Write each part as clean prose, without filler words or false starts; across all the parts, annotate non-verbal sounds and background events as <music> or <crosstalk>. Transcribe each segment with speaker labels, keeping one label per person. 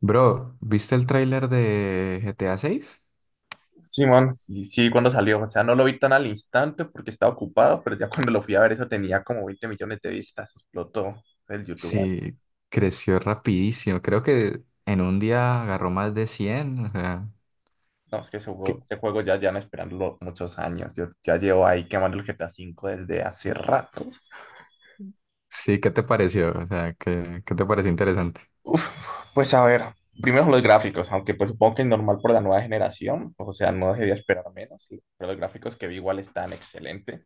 Speaker 1: Bro, ¿viste el tráiler de GTA seis?
Speaker 2: Simón, sí, sí, cuando salió, o sea, no lo vi tan al instante porque estaba ocupado, pero ya cuando lo fui a ver eso tenía como 20 millones de vistas, explotó el YouTube.
Speaker 1: Sí, creció rapidísimo. Creo que en un día agarró más de cien. O sea,
Speaker 2: No, es que
Speaker 1: ¿qué-
Speaker 2: ese juego ya llevan esperándolo muchos años, yo ya llevo ahí quemando el GTA cinco desde hace rato.
Speaker 1: sí, ¿qué te pareció? O sea, ¿qué te pareció interesante?
Speaker 2: Uf, pues a ver, primero los gráficos, aunque pues supongo que es normal por la nueva generación, o sea, no debería esperar menos, sí, pero los gráficos que vi igual están excelentes.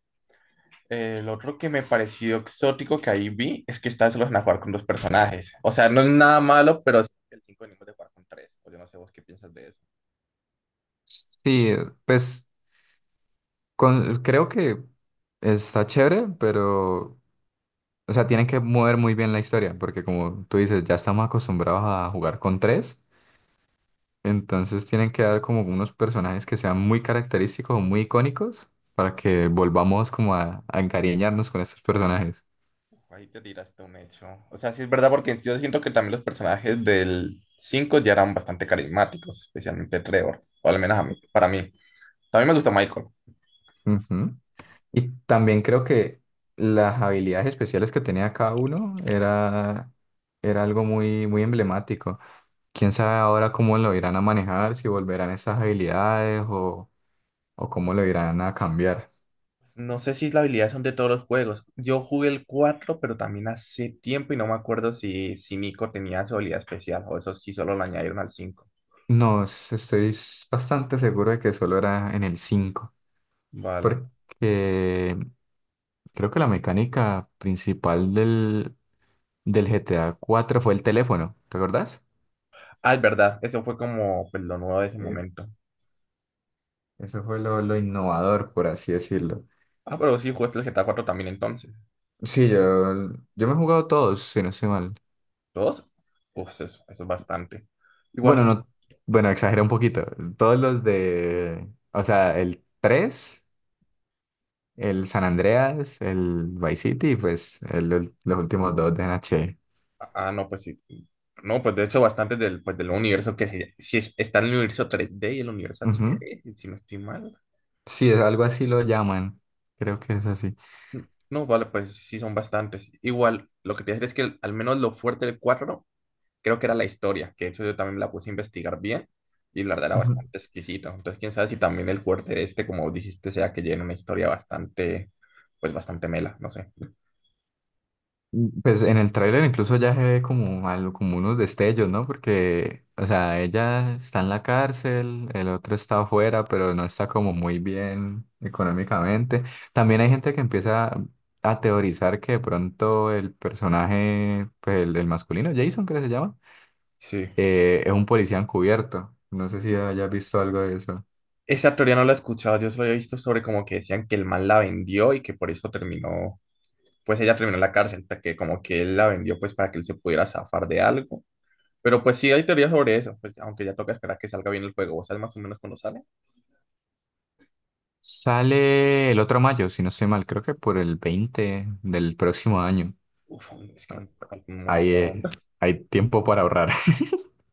Speaker 2: El otro que me pareció exótico que ahí vi es que esta vez lo van a jugar con dos personajes. O sea, no es nada malo, pero sí que el 5 venimos de jugar con tres. O yo no sé vos qué piensas de eso.
Speaker 1: Sí, pues con- creo que está chévere, pero, o sea, tienen que mover muy bien la historia, porque como tú dices, ya estamos acostumbrados a jugar con tres. Entonces tienen que dar como unos personajes que sean muy característicos o muy icónicos para que volvamos como a encariñarnos con estos personajes.
Speaker 2: Ahí te tiraste un hecho. O sea, sí es verdad porque yo siento que también los personajes del 5 ya eran bastante carismáticos, especialmente Trevor, o al menos para mí. También me gusta Michael.
Speaker 1: Ujú. Y también creo que las habilidades especiales que tenía cada uno era algo muy, muy emblemático. Quién sabe ahora cómo lo irán a manejar, si volverán estas habilidades o cómo lo irán a cambiar.
Speaker 2: No sé si la habilidad son de todos los juegos. Yo jugué el 4, pero también hace tiempo y no me acuerdo si Nico tenía su habilidad especial o eso sí solo lo añadieron al cinco.
Speaker 1: No, s- estoy s- bastante seguro de que solo era en el cinco.
Speaker 2: Vale.
Speaker 1: Porque creo que la mecánica principal del GTA cuatro fue el teléfono, ¿te acordás?
Speaker 2: Ah, es verdad, eso fue como pues, lo nuevo de ese
Speaker 1: Eh,
Speaker 2: momento.
Speaker 1: Eso fue lo innovador, por así decirlo.
Speaker 2: Ah, pero sí, jugaste el GTA cuatro también entonces.
Speaker 1: Sí, yo me he jugado todos, si no estoy mal.
Speaker 2: ¿Dos? Pues eso es bastante. Igual,
Speaker 1: Bueno, no, bueno, exageré un poquito. Todos los de, o sea, el tres, el San Andreas, el Vice City y pues el- los últimos dos de NH.
Speaker 2: ah, ah, no, pues sí. No, pues de hecho, bastante del, pues, del universo que se- si es- está en el universo 3D y el universo
Speaker 1: Ujú.
Speaker 2: 3D si no estoy mal.
Speaker 1: Sí, es algo así lo llaman. Creo que es así.
Speaker 2: No, vale, pues sí son bastantes. Igual, lo que te voy a decir es que al menos lo fuerte del 4 creo que era la historia, que eso yo también la puse a investigar bien y la verdad era bastante exquisita. Entonces, quién sabe si también el fuerte de este, como dijiste, sea que llene una historia bastante, pues bastante mela, no sé.
Speaker 1: Pues en el tráiler incluso ya se ve como algo, como unos destellos, ¿no? Porque, o sea, ella está en la cárcel, el otro está afuera, pero no está como muy bien económicamente. También hay gente que empieza a teorizar que de pronto el personaje, pues el masculino, Jason, creo que se llama,
Speaker 2: Sí.
Speaker 1: es un policía encubierto. No sé si hayas visto algo de eso.
Speaker 2: Esa teoría no la he escuchado, yo solo he visto sobre como que decían que el man la vendió y que por eso terminó, pues ella terminó en la cárcel, hasta que como que él la vendió pues para que él se pudiera zafar de algo. Pero pues sí hay teorías sobre eso, pues aunque ya toca esperar que salga bien el juego, ¿vos sabes más o menos cuándo sale?
Speaker 1: Sale el otro mayo, si no estoy mal, creo que por el 20 del próximo año.
Speaker 2: Uf, es que me falta un
Speaker 1: Ahí,
Speaker 2: montón.
Speaker 1: hay tiempo para ahorrar.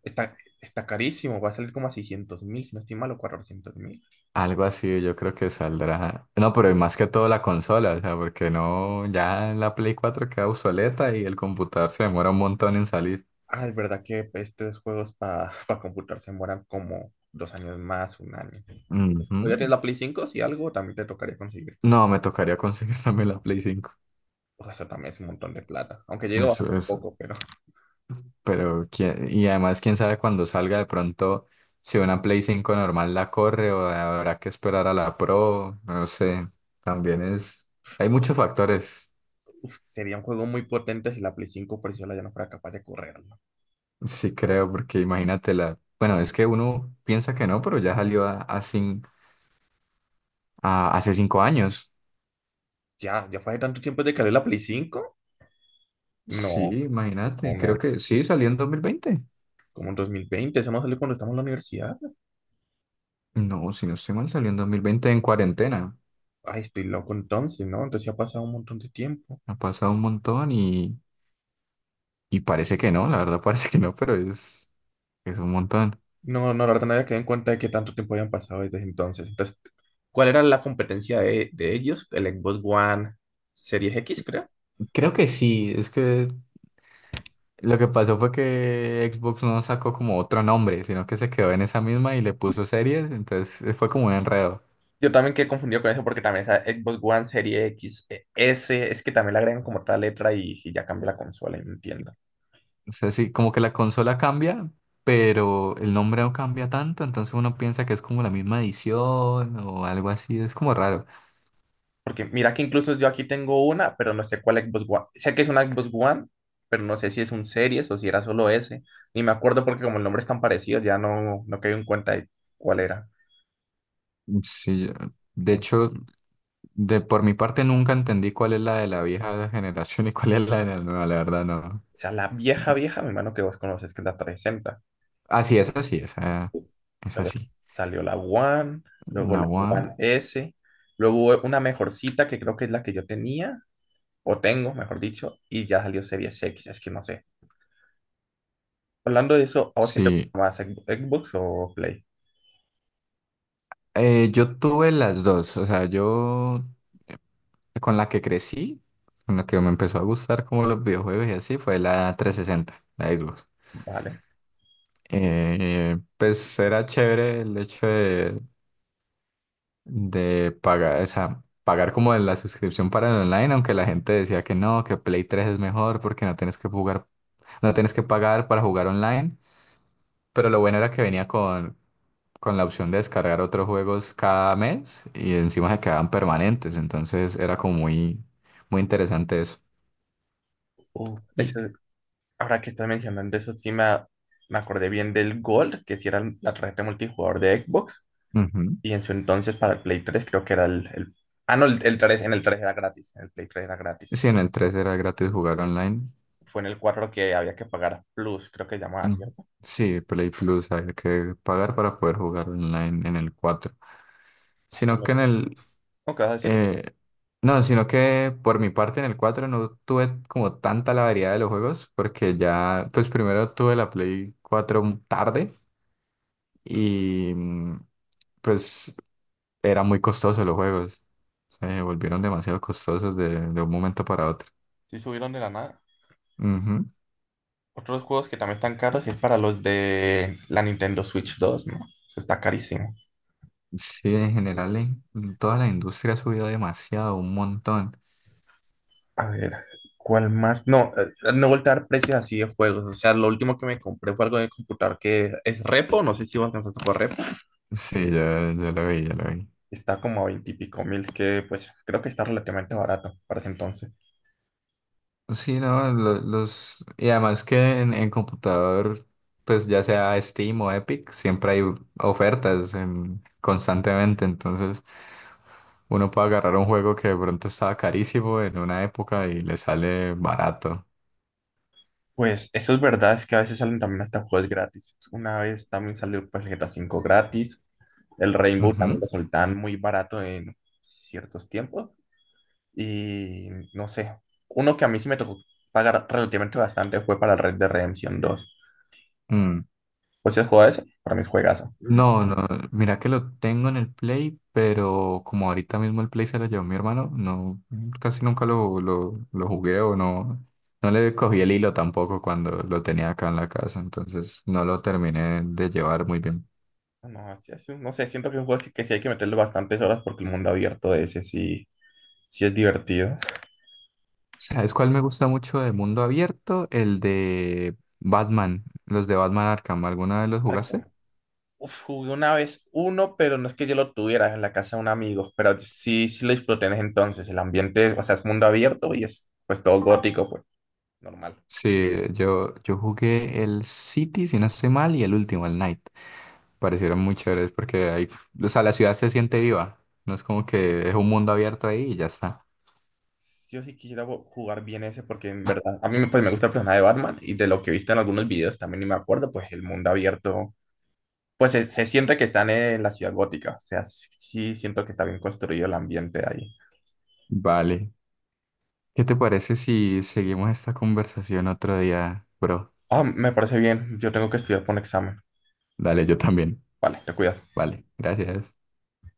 Speaker 2: Está, está carísimo, va a salir como a 600.000, si no estoy mal, o 400.000.
Speaker 1: Algo así, yo creo que saldrá. No, pero y más que todo la consola, o sea, porque no, ya la Play cuatro queda obsoleta y el computador se demora un montón en salir.
Speaker 2: Ah, es verdad que estos juegos para computar <laughs> se demoran como 2 años más, un año. O ya tienes
Speaker 1: Ujú.
Speaker 2: la Play cinco si algo, también te tocaría conseguírtela.
Speaker 1: No, me tocaría conseguir <laughs> también la Play cinco.
Speaker 2: Uf, eso también es un montón de plata. Aunque llega
Speaker 1: Eso
Speaker 2: bajando un
Speaker 1: es.
Speaker 2: poco, pero
Speaker 1: Pero, quién- y además, quién sabe cuando salga de pronto, si una Play cinco normal la corre o habrá que esperar a la Pro, no sé. También es.
Speaker 2: <laughs>
Speaker 1: Hay muchos
Speaker 2: uf,
Speaker 1: factores.
Speaker 2: uf, sería un juego muy potente si la Play cinco por sí sola ya no fuera capaz de correrlo.
Speaker 1: Sí, creo, porque imagínate la. Bueno, es que uno piensa que no, pero ya salió ah, hace cinco años.
Speaker 2: Ya, ya fue hace tanto tiempo de que salió la Play cinco.
Speaker 1: Sí,
Speaker 2: No, no,
Speaker 1: imagínate.
Speaker 2: no.
Speaker 1: Creo que sí, salió en 2020.
Speaker 2: Como en 2020 se nos salió cuando estamos en la universidad.
Speaker 1: No, si no estoy mal, salió en 2020 en cuarentena.
Speaker 2: Ay, estoy loco entonces, ¿no? Entonces ya ha pasado un montón de tiempo.
Speaker 1: Ha pasado un montón y parece que no, la verdad <laughs> parece que no, pero es un montón.
Speaker 2: No, no, la verdad no había quedado en cuenta de qué tanto tiempo habían pasado desde entonces. Entonces, ¿cuál era la competencia de ellos? El Xbox One Series X, creo.
Speaker 1: Creo que sí, es que lo que pasó fue que Xbox no sacó como otro nombre, sino que se quedó en esa misma y le puso series, entonces fue como un enredo.
Speaker 2: Yo también quedé confundido con eso porque también esa Xbox One Series X, S, es que también le agregan como otra letra y ya cambia la consola, y no entiendo.
Speaker 1: O sea, sí, como que la consola cambia, pero el nombre no cambia tanto, entonces uno piensa que es como la misma edición o algo así, es como raro.
Speaker 2: Porque mira que incluso yo aquí tengo una, pero no sé cuál Xbox One. Sé que es una Xbox One, pero no sé si es un Series o si era solo ese. Ni me acuerdo porque como el nombre es tan parecido, ya no caí en cuenta de cuál era.
Speaker 1: Sí, de
Speaker 2: O
Speaker 1: hecho, de por mi parte nunca entendí cuál es la de la vieja <laughs> generación y cuál es la de la nueva, la verdad no.
Speaker 2: sea, la vieja, vieja, mi hermano, que vos conoces, que es la 360.
Speaker 1: Así es
Speaker 2: Luego
Speaker 1: así.
Speaker 2: salió la One, luego
Speaker 1: La
Speaker 2: la One
Speaker 1: One,
Speaker 2: S, luego una mejorcita que creo que es la que yo tenía, o tengo, mejor dicho, y ya salió Series X, es que no sé. Hablando de eso, ¿a vos qué te
Speaker 1: sí.
Speaker 2: gusta más, Xbox o Play?
Speaker 1: Yo tuve las dos, o sea, yo con la que crecí, con la que me empezó a gustar como los videojuegos y así, fue la trescientos sesenta, la Xbox.
Speaker 2: Vale.
Speaker 1: Pues era chévere el hecho de pagar, o sea, pagar como la suscripción para el online, aunque la gente decía que no, que Play tres es mejor porque no tienes que jugar, no tienes que pagar para jugar online. Pero lo bueno era que venía con la opción de descargar otros juegos cada mes y encima se quedaban permanentes. Entonces era como muy, muy interesante eso.
Speaker 2: Uh,
Speaker 1: Y
Speaker 2: ese- ahora que estás mencionando eso, sí me acordé bien del Gold, que sí era la tarjeta multijugador de Xbox,
Speaker 1: ujú.
Speaker 2: y en su entonces para el Play tres creo que era ah, no, el 3 en el 3 era gratis, en el Play tres era gratis,
Speaker 1: Sí,
Speaker 2: ¿no?
Speaker 1: en el 3 era gratis jugar online.
Speaker 2: Fue en el 4 que había que pagar Plus, creo que llamaba,
Speaker 1: Mm,
Speaker 2: ¿cierto?
Speaker 1: Sí, Play Plus hay que pagar para poder jugar online en el 4,
Speaker 2: Pues, se
Speaker 1: sino
Speaker 2: me-
Speaker 1: que en el...
Speaker 2: no, ¿qué vas a decir?
Speaker 1: eh, no, sino que por mi parte en el 4 no tuve como tanta la variedad de los juegos porque ya, pues primero tuve la Play cuatro tarde y pues era muy costoso los juegos. Se volvieron demasiado costosos de un momento para otro.
Speaker 2: Sí subieron de la nada.
Speaker 1: Ujú.
Speaker 2: Otros juegos que también están caros es para los de la Nintendo Switch dos, ¿no? Eso está carísimo.
Speaker 1: Sí, en general en toda la industria ha subido demasiado, un montón.
Speaker 2: A ver, ¿cuál más? No, no voltear precios así de juegos. O sea, lo último que me compré fue algo de computador que es Repo. No sé si vos alcanzaste por Repo.
Speaker 1: Sí, ya la vi, ya la vi.
Speaker 2: Está como a veintipico mil, que pues creo que está relativamente barato para ese entonces.
Speaker 1: Sí, no, lo- los... Y además que en computador, pues ya sea Steam o Epic, siempre hay ofertas en- constantemente, entonces uno puede agarrar un juego que de pronto estaba carísimo en una época y le sale barato.
Speaker 2: Pues eso es verdad, es que a veces salen también hasta juegos gratis. Una vez también salió pues el GTA cinco gratis. El Rainbow
Speaker 1: Ujú.
Speaker 2: también lo soltaban muy barato en ciertos tiempos. Y no sé, uno que a mí sí me tocó pagar relativamente bastante fue para el Red de Redemption dos.
Speaker 1: Mm.
Speaker 2: Pues si has jugado ese, para mí es juegazo.
Speaker 1: No, no, mira que lo tengo en el Play, pero como ahorita mismo el Play se lo llevó mi hermano, no, casi nunca lo jugué o no, no le cogí el hilo tampoco cuando lo tenía acá en la casa, entonces no lo terminé de llevar muy bien.
Speaker 2: No, así es, no sé, siento que es un juego sí que sí hay que meterle bastantes horas porque el mundo abierto de ese sí, sí es divertido.
Speaker 1: ¿Sabes cuál me gusta mucho de mundo abierto? El de Batman, los de Batman Arkham, ¿alguna vez los
Speaker 2: Arkham.
Speaker 1: jugaste?
Speaker 2: Uf, jugué una vez uno, pero no es que yo lo tuviera en la casa de un amigo, pero sí, sí lo disfruté en ese entonces. El ambiente, o sea, es mundo abierto y es pues todo gótico, pues normal.
Speaker 1: Sí, yo jugué el City, si no estoy mal, y el último, el Night. Parecieron muy chéveres porque ahí, o sea, la ciudad se siente viva. No es como que es un mundo abierto ahí y ya está.
Speaker 2: Yo sí quisiera jugar bien ese porque en verdad a mí pues, me gusta el personaje de Batman y de lo que he visto en algunos videos también y me acuerdo, pues el mundo abierto. Pues se siente que están en la ciudad gótica, o sea, sí, sí siento que está bien construido el ambiente ahí.
Speaker 1: Vale. ¿Qué te parece si seguimos esta conversación otro día, bro?
Speaker 2: Ah, me parece bien, yo tengo que estudiar por un examen.
Speaker 1: Dale, yo también.
Speaker 2: Vale, te cuidas.
Speaker 1: Vale, gracias.